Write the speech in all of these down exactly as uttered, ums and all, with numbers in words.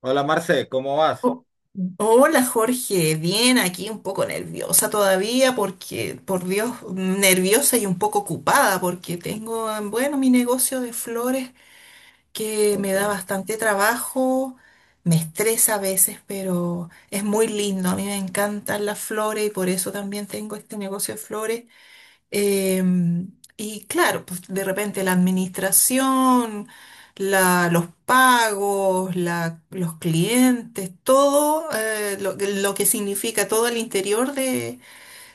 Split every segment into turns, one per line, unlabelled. Hola Marce, ¿cómo vas?
Oh, hola Jorge, bien, aquí un poco nerviosa todavía porque, por Dios, nerviosa y un poco ocupada porque tengo, bueno, mi negocio de flores que me
Ok,
da bastante trabajo, me estresa a veces, pero es muy lindo, a mí me encantan las flores y por eso también tengo este negocio de flores. Em, y claro, pues de repente la administración, la- los pagos, la- los clientes, todo eh, lo, que lo que significa todo el interior de,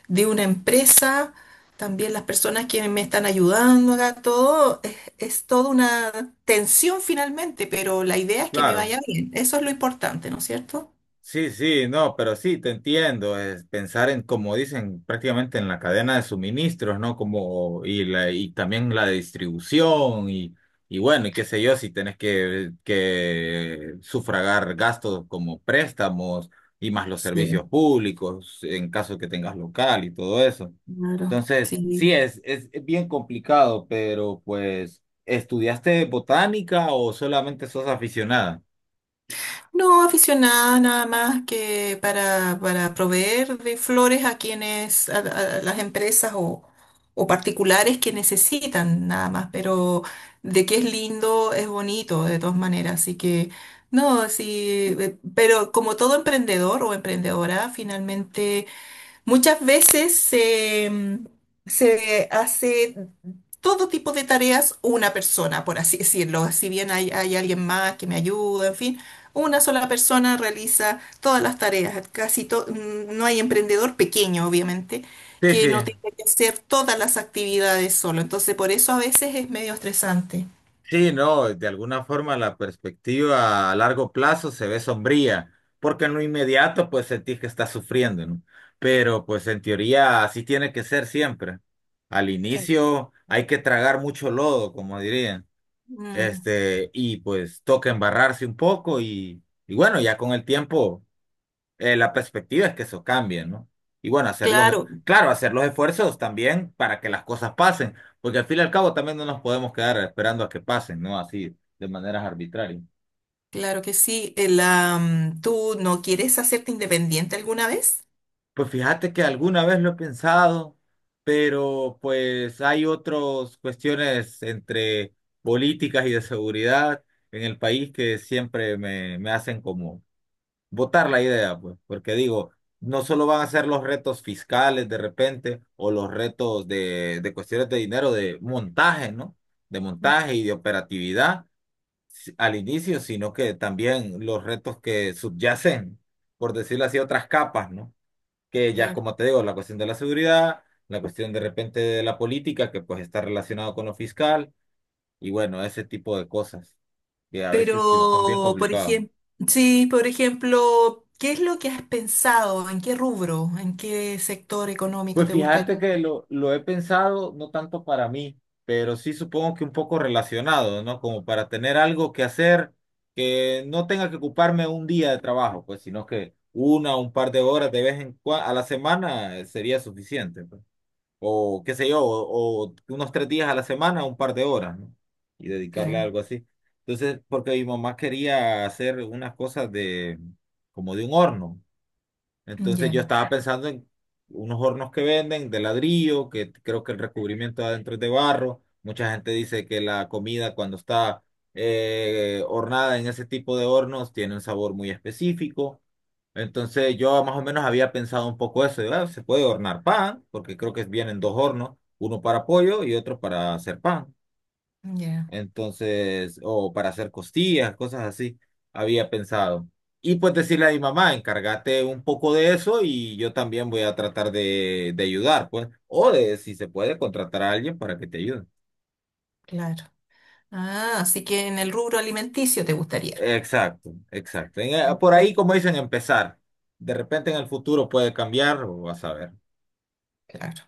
de una empresa, también las personas que me están ayudando acá, todo es, es toda una tensión finalmente, pero la idea es que me
claro.
vaya bien. Eso es lo importante, ¿no es cierto?
Sí, sí, no, pero sí, te entiendo, es pensar en, como dicen, prácticamente en la cadena de suministros, ¿no? Como, y, la, y también la distribución, y, y bueno, y qué sé yo, si tenés que, que sufragar gastos como préstamos y más los servicios
Sí,
públicos, en caso que tengas local y todo eso.
claro,
Entonces, sí,
sí.
es, es bien complicado, pero pues, ¿estudiaste botánica o solamente sos aficionada?
No, aficionada nada más que para, para proveer de flores a quienes, a, a- a las empresas o, o particulares que necesitan nada más, pero de que es lindo, es bonito de todas maneras, así que no, sí, eh, pero como todo emprendedor o emprendedora, finalmente muchas veces se se hace todo tipo de tareas una persona, por así decirlo. Si bien hay, hay alguien más que me ayuda, en fin, una sola persona realiza todas las tareas. Casi to- mm, no hay emprendedor pequeño, obviamente,
Sí,
que
sí.
no tenga que hacer todas las actividades solo. Entonces, por eso a veces es medio estresante.
Sí, no, de alguna forma la perspectiva a largo plazo se ve sombría, porque en lo inmediato pues sentís que estás sufriendo, ¿no? Pero pues en teoría así tiene que ser siempre. Al
Claro.
inicio hay que tragar mucho lodo, como dirían,
Mm,
este, y pues toca embarrarse un poco y, y bueno, ya con el tiempo eh, la perspectiva es que eso cambie, ¿no? Y bueno, hacer los,
claro,
claro, hacer los esfuerzos también para que las cosas pasen, porque al fin y al cabo también no nos podemos quedar esperando a que pasen, ¿no? Así, de maneras arbitrarias.
claro que sí. El, am, ¿tú no quieres hacerte independiente alguna vez?
Pues fíjate que alguna vez lo he pensado, pero pues hay otras cuestiones entre políticas y de seguridad en el país que siempre me, me hacen como votar la idea, pues, porque digo, no solo van a ser los retos fiscales de repente o los retos de, de cuestiones de dinero, de montaje, ¿no? De montaje y de operatividad si- al inicio, sino que también los retos que subyacen, por decirlo así, otras capas, ¿no? Que ya, como te digo, la cuestión de la seguridad, la cuestión de repente de la política, que pues está relacionado con lo fiscal, y bueno, ese tipo de cosas que a veces sí son bien
Pero, por
complicadas.
ejemplo, sí, por ejemplo, ¿qué es lo que has pensado? ¿En qué rubro? ¿En qué sector económico
Pues
te gustaría?
fíjate que lo, lo he pensado no tanto para mí, pero sí supongo que un poco relacionado, ¿no? Como para tener algo que hacer que no tenga que ocuparme un día de trabajo, pues, sino que una o un par de horas de vez en cuando a la semana eh, sería suficiente, pues. O qué sé yo, o, o unos tres días a la semana, un par de horas, ¿no? Y dedicarle a
Claro.
algo así. Entonces, porque mi mamá quería hacer unas cosas de, como de un horno. Entonces
Ya,
yo estaba pensando en unos hornos que venden de ladrillo, que creo que el recubrimiento de adentro es de barro. Mucha gente dice que la comida cuando está eh, hornada en ese tipo de hornos tiene un sabor muy específico. Entonces yo más o menos había pensado un poco eso, de, "Ah, se puede hornar pan, porque creo que vienen dos hornos, uno para pollo y otro para hacer pan".
ya,
Entonces, o para hacer costillas, cosas así, había pensado. Y pues decirle a mi mamá, encárgate un poco de eso y yo también voy a tratar de, de ayudar, pues. O de, si se puede, contratar a alguien para que te ayude.
claro. Ah, así que en el rubro alimenticio te gustaría.
Exacto, exacto. En- eh, por
Sí.
ahí, como dicen, empezar. De repente en el futuro puede cambiar, o vas a ver.
Claro.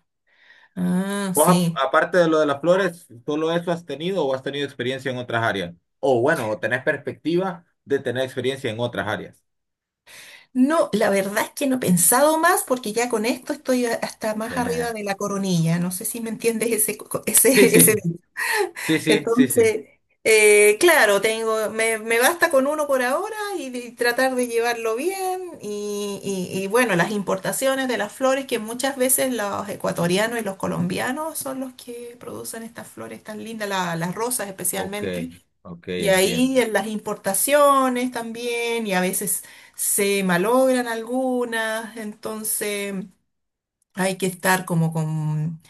Ah,
Vos, ap-
sí.
aparte de lo de las flores, ¿solo eso has tenido o has tenido experiencia en otras áreas? O bueno, o tenés perspectiva de tener experiencia en otras áreas.
No, la verdad es que no he pensado más porque ya con esto estoy a- hasta más arriba de la coronilla. No sé si me entiendes ese, co-
Sí,
ese,
sí.
ese.
Sí, sí, sí, sí.
Entonces, eh, claro, tengo, me, me basta con uno por ahora y, de- y tratar de llevarlo bien. Y, y- y bueno, las importaciones de las flores, que muchas veces los ecuatorianos y los colombianos son los que producen estas flores tan lindas, la- las rosas
Ok,
especialmente.
ok,
Y
entiendo.
ahí en las importaciones también, y a veces se malogran algunas, entonces hay que estar como con.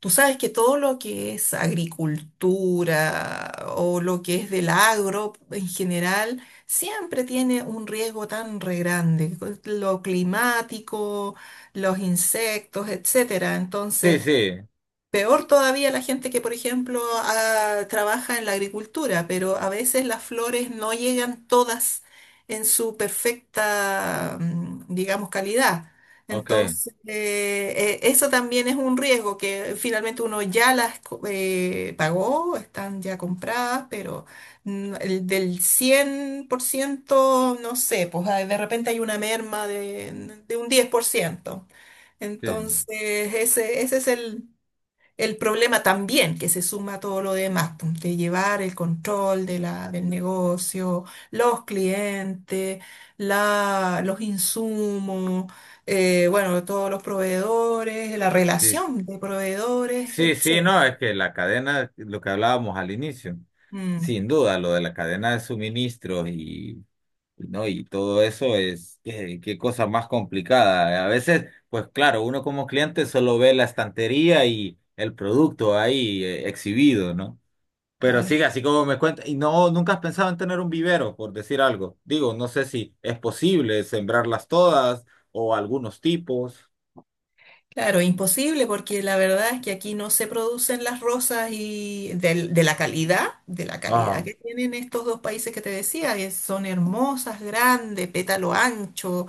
Tú sabes que todo lo que es agricultura o lo que es del agro en general siempre tiene un riesgo tan re grande, con lo climático, los insectos, etcétera.
Sí,
Entonces,
sí,
peor todavía la gente que, por ejemplo, ah, trabaja en la agricultura, pero a veces las flores no llegan todas en su perfecta, mm, digamos, calidad.
ok.
Entonces, eh, eh, eso también es un riesgo que finalmente uno ya las co- eh, pagó, están ya compradas, pero mm, el del cien por ciento no sé, pues ah, de repente hay una merma de, de un diez por ciento.
Sí,
Entonces, ese, ese es el el problema también que se suma a todo lo demás, pum, de llevar el control de la, del negocio, los clientes, la, los insumos, eh, bueno, todos los proveedores, la
sí,
relación de proveedores,
sí, sí,
etcétera.
no, es que la cadena, lo que hablábamos al inicio,
Mm,
sin duda, lo de la cadena de suministros y, y ¿no? Y todo eso es, qué, qué cosa más complicada. A veces, pues claro, uno como cliente solo ve la estantería y el producto ahí eh, exhibido, ¿no? Pero
claro.
sí, así como me cuenta, y no, nunca has pensado en tener un vivero, por decir algo. Digo, no sé si es posible sembrarlas todas o algunos tipos.
Claro, imposible porque la verdad es que aquí no se producen las rosas y del- de, la calidad, de la calidad
Ah,
que tienen estos dos países que te decía, que son hermosas, grandes, pétalo ancho,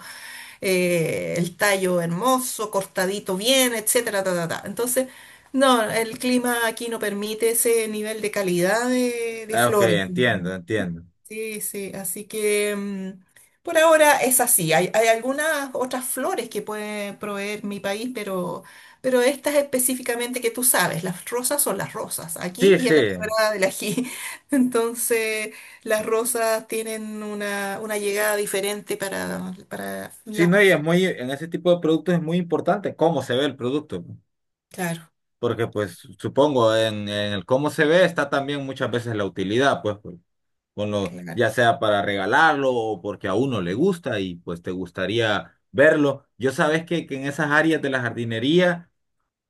eh, el tallo hermoso, cortadito bien, etcétera, ta, ta, ta. Entonces, no, el clima aquí no permite ese nivel de calidad de, de
ah, ok,
flores.
entiendo, entiendo.
Sí, sí, así que mm, por ahora es así. Hay, hay algunas otras flores que puede proveer mi país, pero, pero estas específicamente que tú sabes, las rosas son las rosas, aquí
Sí,
y
sí.
en la quebrada del ají. Entonces, las rosas tienen una, una llegada diferente para, para
Sí,
las
no, y es
mujeres.
muy, en ese tipo de productos es muy importante cómo se ve el producto, ¿no?
Claro,
Porque, pues, supongo, en, en el cómo se ve está también muchas veces la utilidad, pues, por- con lo,
claro.
ya sea para regalarlo o porque a uno le gusta y pues te gustaría verlo. Yo sabes que, que en esas áreas de la jardinería.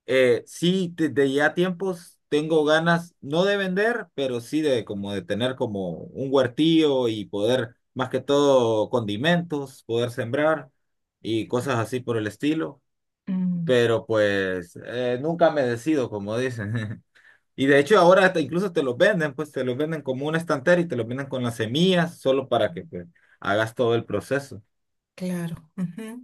Eh, sí, desde ya tiempos tengo ganas, no de vender, pero sí de como de tener como un huertillo y poder, más que todo, condimentos, poder sembrar y cosas así por el estilo.
Mm,
Pero pues eh, nunca me decido, como dicen. Y de hecho ahora hasta incluso te los venden, pues te los venden como una estantera y te los venden con las semillas, solo para que pues, hagas todo el proceso.
claro. Ujú.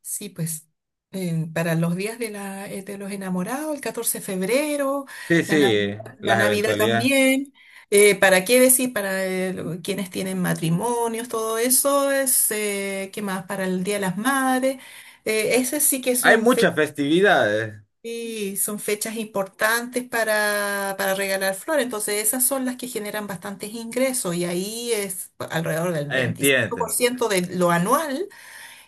Sí, pues eh, para los días de, la, eh, de los enamorados, el catorce de febrero,
Sí,
la
sí,
Navidad, la
las
Navidad
eventualidades.
también. Eh, ¿para qué decir? Para eh, lo- quienes tienen matrimonios, todo eso es, eh, ¿qué más? Para el Día de las Madres. Eh, esas sí que
Hay
son.
muchas festividades,
Sí, son fechas importantes para, para regalar flores, entonces esas son las que generan bastantes ingresos y ahí es alrededor del veinticinco por
entienden.
ciento de lo anual,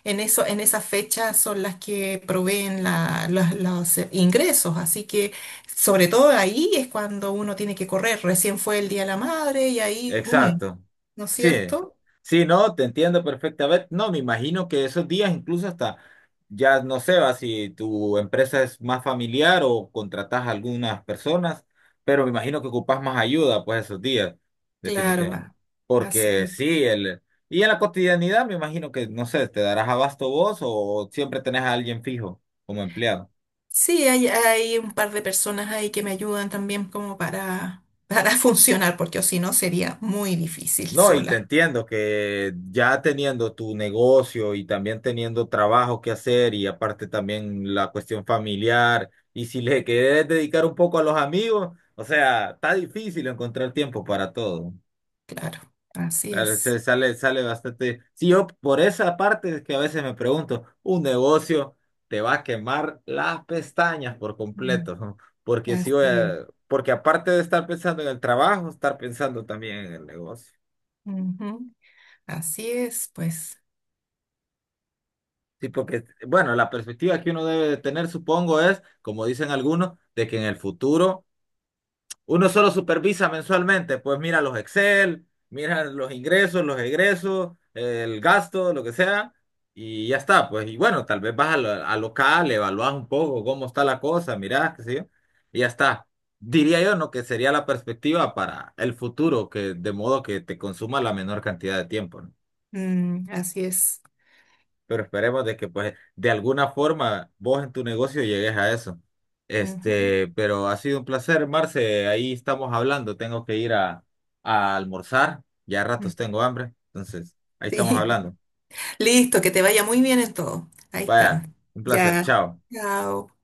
en eso, en esas fechas son las que proveen la- los, los ingresos, así que sobre todo ahí es cuando uno tiene que correr, recién fue el Día de la Madre y ahí, mm,
Exacto.
¿no es
Sí,
cierto?
sí, no, te entiendo perfectamente. No, me imagino que esos días incluso hasta, ya no sé, va, si tu empresa es más familiar o contratas a algunas personas, pero me imagino que ocupas más ayuda pues esos días,
Claro,
definitivamente.
así
Porque
es.
sí, el... Y en la cotidianidad me imagino que, no sé, te darás abasto vos o siempre tenés a alguien fijo como empleado.
Sí, hay, hay un par de personas ahí que me ayudan también como para, para funcionar, porque si no sería muy difícil
No, y te
sola,
entiendo que ya teniendo tu negocio y también teniendo trabajo que hacer y aparte también la cuestión familiar y si le querés dedicar un poco a los amigos, o sea, está difícil encontrar tiempo para todo.
claro. Así
Claro.
es.
Se sale, sale bastante. Sí, yo por esa parte es que a veces me pregunto, un negocio te va a quemar las pestañas por
Mm.
completo, ¿no? porque si
Así
voy
es.
a- porque aparte de estar pensando en el trabajo, estar pensando también en el negocio.
Ujú. Así es, pues.
Sí, porque, bueno, la perspectiva que uno debe de tener, supongo, es, como dicen algunos, de que en el futuro uno solo supervisa mensualmente, pues mira los Excel, mira los ingresos, los egresos, el gasto, lo que sea, y ya está, pues, y bueno, tal vez vas a, lo- a local, evaluás un poco cómo está la cosa, mirás, qué sé yo, y ya está. Diría yo, ¿no? Que sería la perspectiva para el futuro, que de modo que te consuma la menor cantidad de tiempo, ¿no?
Mm, así es.
Pero esperemos de que pues de alguna forma vos en tu negocio llegues a eso.
Ujú.
Este, pero ha sido un placer, Marce, ahí estamos hablando, tengo que ir a, a almorzar, ya a
Mm.
ratos tengo hambre, entonces ahí
Sí.
estamos hablando.
Listo, que te vaya muy bien en todo. Ahí
Vaya,
está.
un placer,
Ya.
chao.
Chao.